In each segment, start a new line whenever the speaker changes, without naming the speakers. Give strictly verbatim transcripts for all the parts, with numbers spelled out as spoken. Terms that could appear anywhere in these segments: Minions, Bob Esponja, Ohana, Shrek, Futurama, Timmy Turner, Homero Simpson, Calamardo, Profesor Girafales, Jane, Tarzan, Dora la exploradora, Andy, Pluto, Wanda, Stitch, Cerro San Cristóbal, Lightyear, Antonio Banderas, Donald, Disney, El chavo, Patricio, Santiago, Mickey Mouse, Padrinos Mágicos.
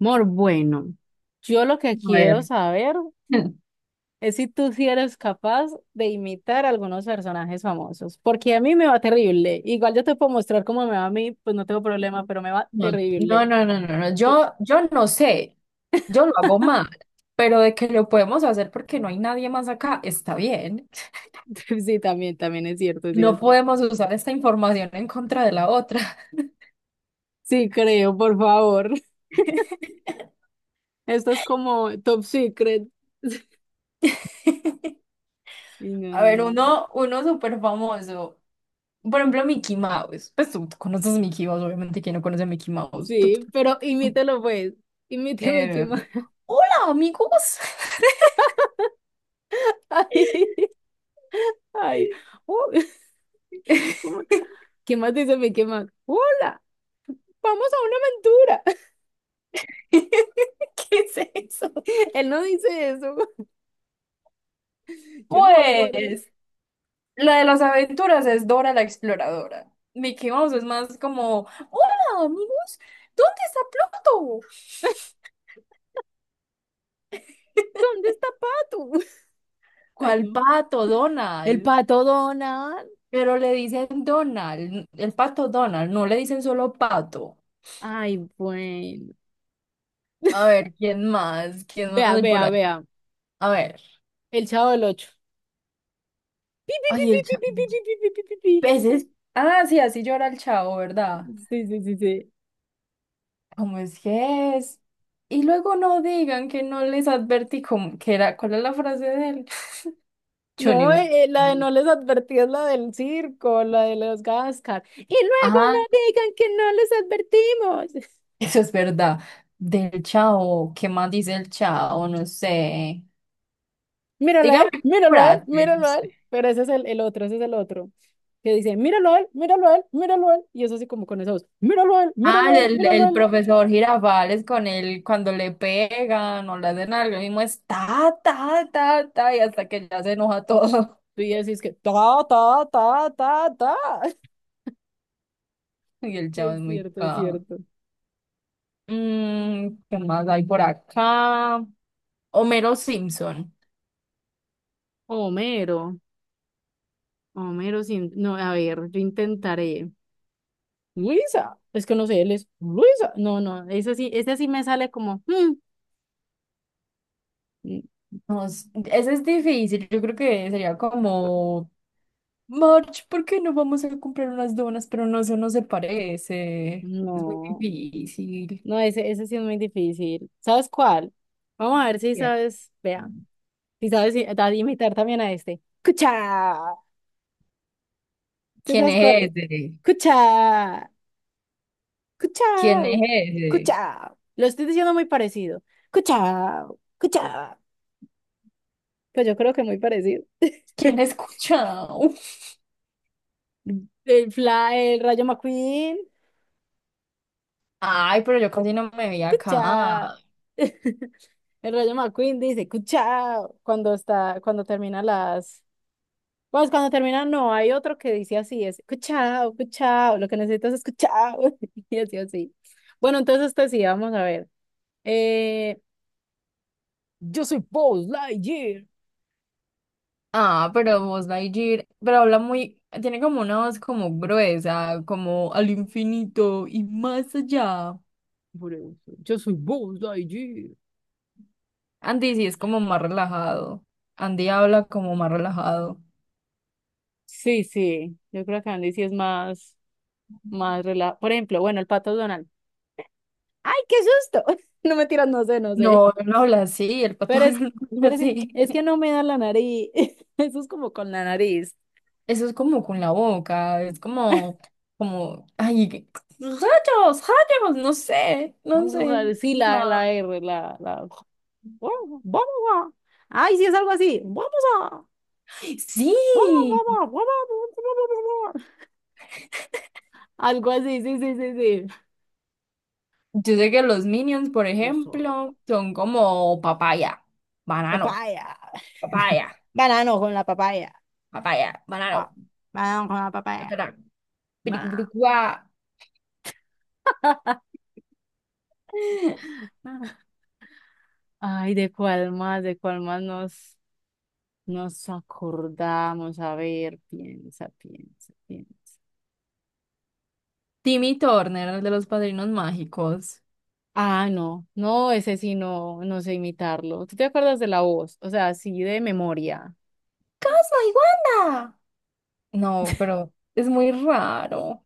Mor, bueno, yo lo que
A
quiero
ver.
saber es si tú sí eres capaz de imitar a algunos personajes famosos, porque a mí me va terrible. Igual yo te puedo mostrar cómo me va a mí, pues no tengo problema, pero me va
No, no,
terrible.
no, no, no, no,
Sí,
Yo, yo no sé, yo lo hago mal, pero de que lo podemos hacer porque no hay nadie más acá, está bien.
sí, también, también es cierto, es
No
cierto.
podemos usar esta información en contra de la otra.
Sí, creo, por favor. Esto es como top secret. Y no,
A
no,
ver,
no.
uno, uno súper famoso, por ejemplo, Mickey Mouse. Pues tú, tú conoces Mickey Mouse, obviamente, ¿quién no conoce a Mickey Mouse? Tú-
Sí, pero
tú-
imítelo pues. Imíteme, ¿qué
eh,
más?
Hola, amigos.
Ay, ay. Uh, ¿Qué más dice mi qué? ¡Hola! Vamos a una aventura.
¿Qué es eso?
Él no dice eso. Yo no me acuerdo.
Pues, La de las aventuras es Dora la exploradora. Mickey Mouse es más como hola amigos, ¿dónde está Pluto?
¿Dónde está Pato? Ay,
¿Cuál
no.
pato,
El
Donald?
pato Donald.
Pero le dicen Donald, el pato Donald, no le dicen solo pato.
Ay, bueno.
A ver, ¿quién más? ¿Quién más
Vea,
hay por
vea,
aquí?
vea.
A ver.
El Chavo del Ocho. Pi, pi, pi,
Ay,
pi,
el
pi,
chavo.
pi, pi, pi, pi, pi, pi, pi.
Peces. Ah, sí, así llora el chavo, ¿verdad?
Sí, sí, sí, sí.
¿Cómo es que es? Y luego no digan que no les advertí cómo, que era, ¿cuál es la frase de él? Yo ni
No,
me
eh, eh, la de
acuerdo.
no les advertí es la del circo, la de los Gascar. Y luego no digan que no les advertimos.
Eso es verdad. Del chao, ¿qué más dice el chao? No sé.
Míralo a
Dígame,
él, míralo a él,
Prater.
míralo a él. Pero ese es el, el otro, ese es el otro. Que dice, míralo a él, míralo a él, míralo a él. Y eso así como con esa voz, míralo a él,
Ah,
míralo a él,
el,
míralo a
el
él.
profesor Girafales con él cuando le pegan o le hacen algo, el mismo es ta, ta, ta, ta, y hasta que ya se enoja todo.
Y así es que, ta, ta, ta, ta, ta.
Y el
Y
chavo es
es
muy
cierto, es
caja.
cierto.
Mm, ¿qué más hay por acá? Homero Simpson.
Homero, Homero sin... No, a ver, yo intentaré. Luisa, es que no sé, él es Luisa. No, no, ese sí, ese sí me sale como... hmm, n-
No s- Ese es difícil, yo creo que sería como March, ¿por qué no vamos a comprar unas donas? Pero no, eso no se parece. Es muy
No,
difícil.
no, ese, ese sí es muy difícil. ¿Sabes cuál? Vamos a ver si
Bien.
sabes, vea. Y sabes i- a- imitar también a este. ¡Cucha! ¿Sí
¿Quién
sabes cuál
es
es?
ese?
¡Cucha!
¿Quién es
¡Cuchao!
ese?
¡Cuchao! Lo estoy diciendo muy parecido. ¡Cuchao! ¡Cuchao! Pues yo creo que muy parecido.
¿Quién ha escuchado?
El Fla, el Rayo McQueen.
Ay, pero yo casi no me vi acá.
¡Cuchao! El Rayo McQueen dice ¡Cuchao! Cuando está, cuando termina las. Pues cuando termina, no, hay otro que dice así, es escuchao, escuchao, lo que necesitas es escuchao, y así, así. Bueno, entonces este sí, vamos a ver. Eh, yo soy Buzz Lightyear.
Ah, pero vos, Lightyear, pero habla muy, tiene como una voz como gruesa, como al infinito y más allá.
Por eso, yo soy Buzz Lightyear.
Andy sí es como más relajado. Andy habla como más relajado.
Sí, sí, yo creo que Andy sí es más, más relajado. Por ejemplo, bueno, el pato Donald. ¡Ay, qué susto! No me tiras, no sé, no sé.
No, él no habla así, el pato
Pero es,
no habla
pero sí,
así.
es que no me da la nariz. Eso es como con la nariz.
Eso es como con la boca, es como, como, ay, que- rayos, rayos, no sé, no sé,
Sí, la,
no.
la R, la, la. Vamos, vamos a. Ay, sí es algo así. Vamos a. Vamos,
Sí,
vamos, vamos, vamos, vamos, vamos. Algo así, sí, sí, sí, sí.
yo sé que los Minions, por
Tú sabes.
ejemplo, son como papaya, banano,
Papaya.
papaya,
Banano con la papaya.
papaya,
Ah,
banano,
banano con la papaya.
espera,
Ma-
piricucuricua.
ma. Ay, ¿de cuál más? ¿De cuál más nos, nos acordamos? A ver, piensa, piensa, piensa.
Timmy Turner, el de los Padrinos Mágicos.
Ah, no, no, ese sí no, no sé imitarlo. ¿Tú te acuerdas de la voz? O sea, sí de memoria.
¡Casa y Wanda! No, pero es muy raro.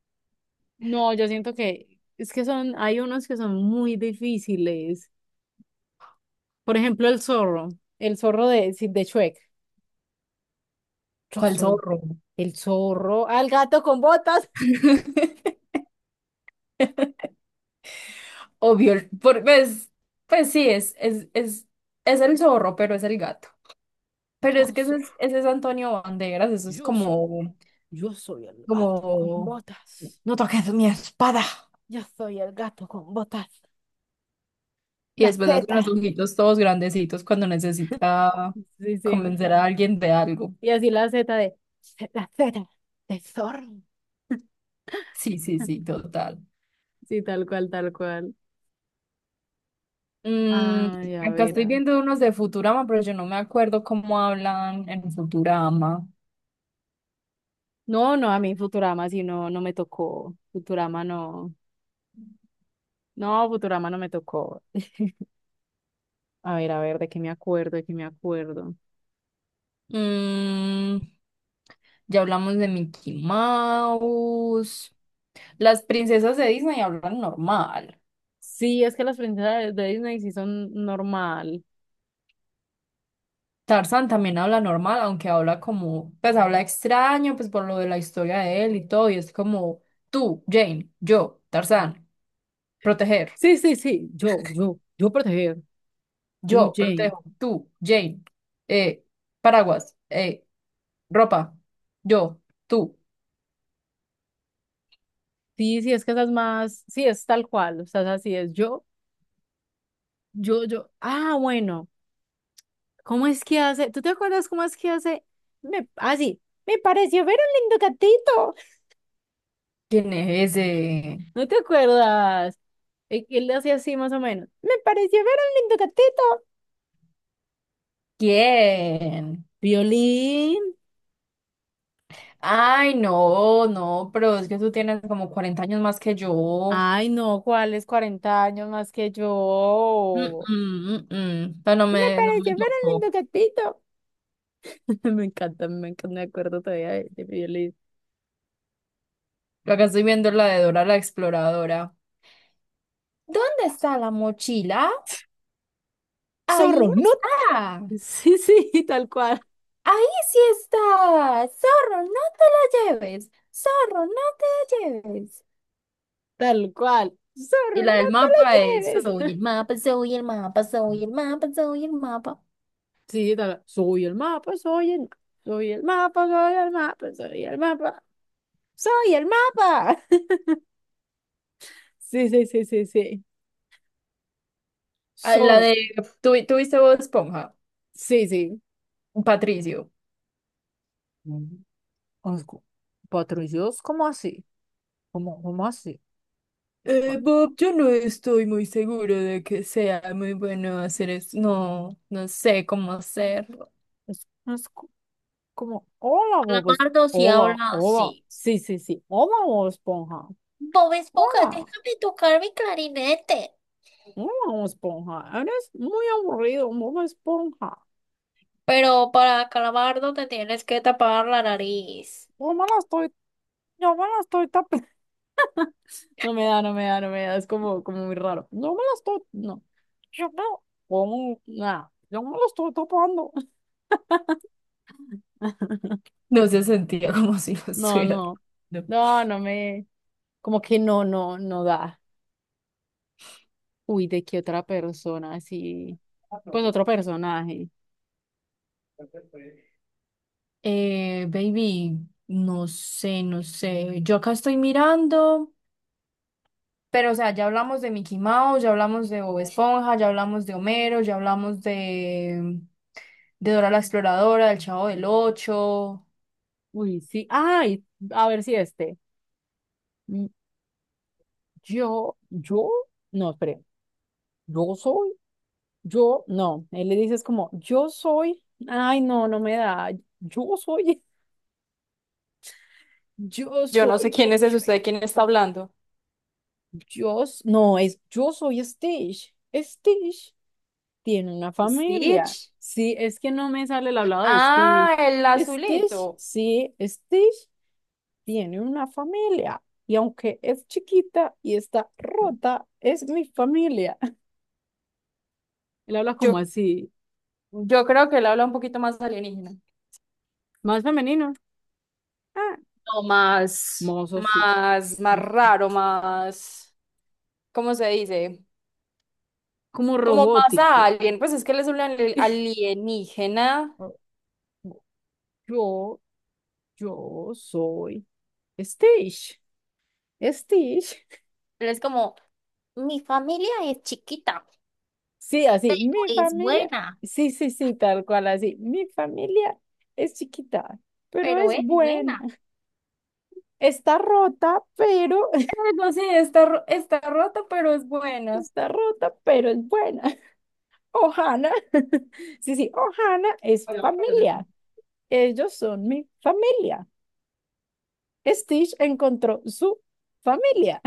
No, yo siento que es que son, hay unos que son muy difíciles. Por ejemplo, el zorro, el zorro de, sí, de Shrek. Yo
¿Cuál
soy
zorro?
el zorro, al gato con botas.
Obvio, el- por, pues, pues sí, es, es, es, es el zorro, pero es el gato. Pero
Yo
es que ese es,
soy,
ese es Antonio Banderas, eso es
yo soy,
como,
yo soy el gato con
como,
botas.
no toques mi espada.
Yo soy el gato con botas.
Y
La
después hace
Z.
unos ojitos todos grandecitos cuando necesita
Sí, sí.
convencer a alguien de algo.
Y así la Z de, la Z de zorro.
Sí, sí, sí, total.
Sí, tal cual, tal cual.
Mm,
Ay, a
acá
ver.
estoy
a-
viendo unos de Futurama, pero yo no me acuerdo cómo hablan en Futurama.
No, no, a mí Futurama sí no, no me tocó. Futurama no. No, Futurama no me tocó. A ver, a ver, de qué me acuerdo, de qué me acuerdo.
Mm, ya hablamos de Mickey Mouse. Las princesas de Disney hablan normal.
Sí, es que las princesas de Disney sí son normal.
Tarzan también habla normal, aunque habla como, pues habla extraño, pues por lo de la historia de él y todo, y es como tú, Jane, yo, Tarzan, proteger,
Sí, sí, sí, yo, yo, yo proteger, tú,
yo,
Jane.
protejo, tú, Jane, eh, paraguas, eh, ropa, yo, tú,
Sí, sí, es que esas más, sí, es tal cual, o sea, así es, yo, yo, yo. Ah, bueno, ¿cómo es que hace? ¿Tú te acuerdas cómo es que hace? Me, ah, sí, me pareció ver un lindo gatito.
¿quién es ese?
¿No te acuerdas? Eh, Él le hacía así más o menos. Me pareció ver un lindo gatito.
¿Quién?
Violín.
Ay, no, no, pero es que tú tienes como cuarenta años más que yo.
Ay, no, ¿cuál es cuarenta años más que
Mm,
yo?
mm, mm, mm. Pero no
Me
me, no me
pareció ver un
tocó.
lindo gatito. Me encanta, me encanta, me acuerdo todavía de, de mi violín.
Acá estoy viendo la de Dora la Exploradora. ¿Dónde está la mochila? Ahí
Zorro,
no
no.
está.
Sí, sí, tal cual,
Ahí sí está. Zorro, no te la lleves. Zorro, no te la lleves.
tal cual.
Y
Zorro,
la
no
del
te
mapa es
lo lleves.
soy el mapa, soy el mapa, soy el mapa, soy el mapa.
Sí, tal, soy el mapa, soy el, soy el mapa, soy el mapa, soy el mapa, soy el mapa. Sí, sí, sí, sí, sí.
Ah, La
Zorro,
de, ¿tú, tú viste Bob Esponja?
sí, sí.
Patricio.
Mm, asco. Patrullos, ¿cómo así? ¿Cómo, cómo así?
Eh, Bob, yo no estoy muy seguro de que sea muy bueno hacer eso. No, no sé cómo hacerlo.
Es, no es co- como, hola, Bob Esponja.
Calamardo si
Hola,
habla
hola.
así.
Sí, sí, sí. Hola, Bob Esponja.
Bob Esponja,
Hola,
déjame tocar mi clarinete.
hola, Bob Esponja. Eres muy aburrido, Bob Esponja.
Pero para Calamardo te tienes que tapar la nariz.
Yo me la estoy, yo me la estoy tapando. No me da, no me da, no me da. Es como, como muy raro. Yo me la estoy, no. Yo me, como, nada. Yo me la estoy tapando.
No se sentía como si lo
No,
estuviera.
no.
No.
No, no me, como que no, no, no da. Uy, ¿de qué otra persona? Sí. Pues otro personaje.
Eh, baby, no sé, no sé. Yo acá estoy mirando. Pero, o sea, ya hablamos de Mickey Mouse, ya hablamos de Bob Esponja, ya hablamos de Homero, ya hablamos de de Dora la Exploradora, del Chavo del Ocho.
Uy, sí. Ay, a ver si este. Mm, Yo, yo, no, espere. Yo soy, yo, no. Él le dices como, yo soy. Ay, no, no me da. Yo soy, yo
Yo no sé
soy,
quién es ese,
yo,
usted de quién está hablando.
yo s- no, es, yo soy Stitch. Stitch tiene una familia.
Stitch.
Sí, es que no me sale el hablado de Stitch.
Ah, el
Stitch,
azulito.
sí, Stitch tiene una familia. Y aunque es chiquita y está rota, es mi familia. Él habla
Yo,
como así,
yo creo que él habla un poquito más alienígena.
más femenino. Ah,
No, más,
mozo, sí,
más, más
mozo, sí.
raro, más, ¿cómo se dice?
Como
Como más
robótico.
alien. Pues es que él es un ali- alienígena.
O- o- Yo, yo soy Stitch. Stitch.
Él es como mi familia es chiquita,
Sí, así, mi
es
familia.
buena,
Sí, sí, sí, tal cual, así. Mi familia es chiquita, pero
pero
es
es
buena.
buena.
Está rota, pero
Algo así, está, ro- está rota, pero es buena.
está rota, pero es buena. Ohana. Sí, sí, Ohana es familia. Ellos son mi familia. Stitch encontró su familia.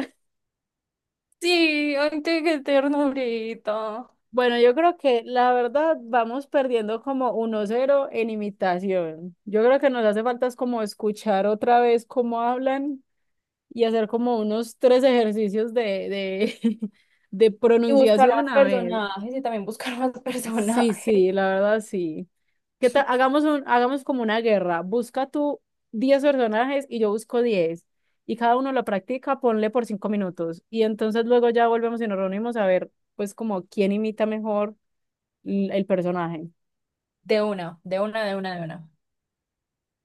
Sí, ay, qué, qué ternurita.
Bueno, yo creo que la verdad vamos perdiendo como uno cero en imitación. Yo creo que nos hace falta es como escuchar otra vez cómo hablan y hacer como unos tres ejercicios de, de, de
Y buscar más
pronunciación a ver.
personajes y también buscar más personajes.
Sí, sí, la verdad sí. ¿Qué tal? Hagamos un, hagamos como una guerra. Busca tú diez personajes y yo busco diez. Y cada uno lo practica, ponle por cinco minutos. Y entonces luego ya volvemos y nos reunimos a ver, pues, como quién imita mejor l- el personaje.
De una, de una, de una, de una.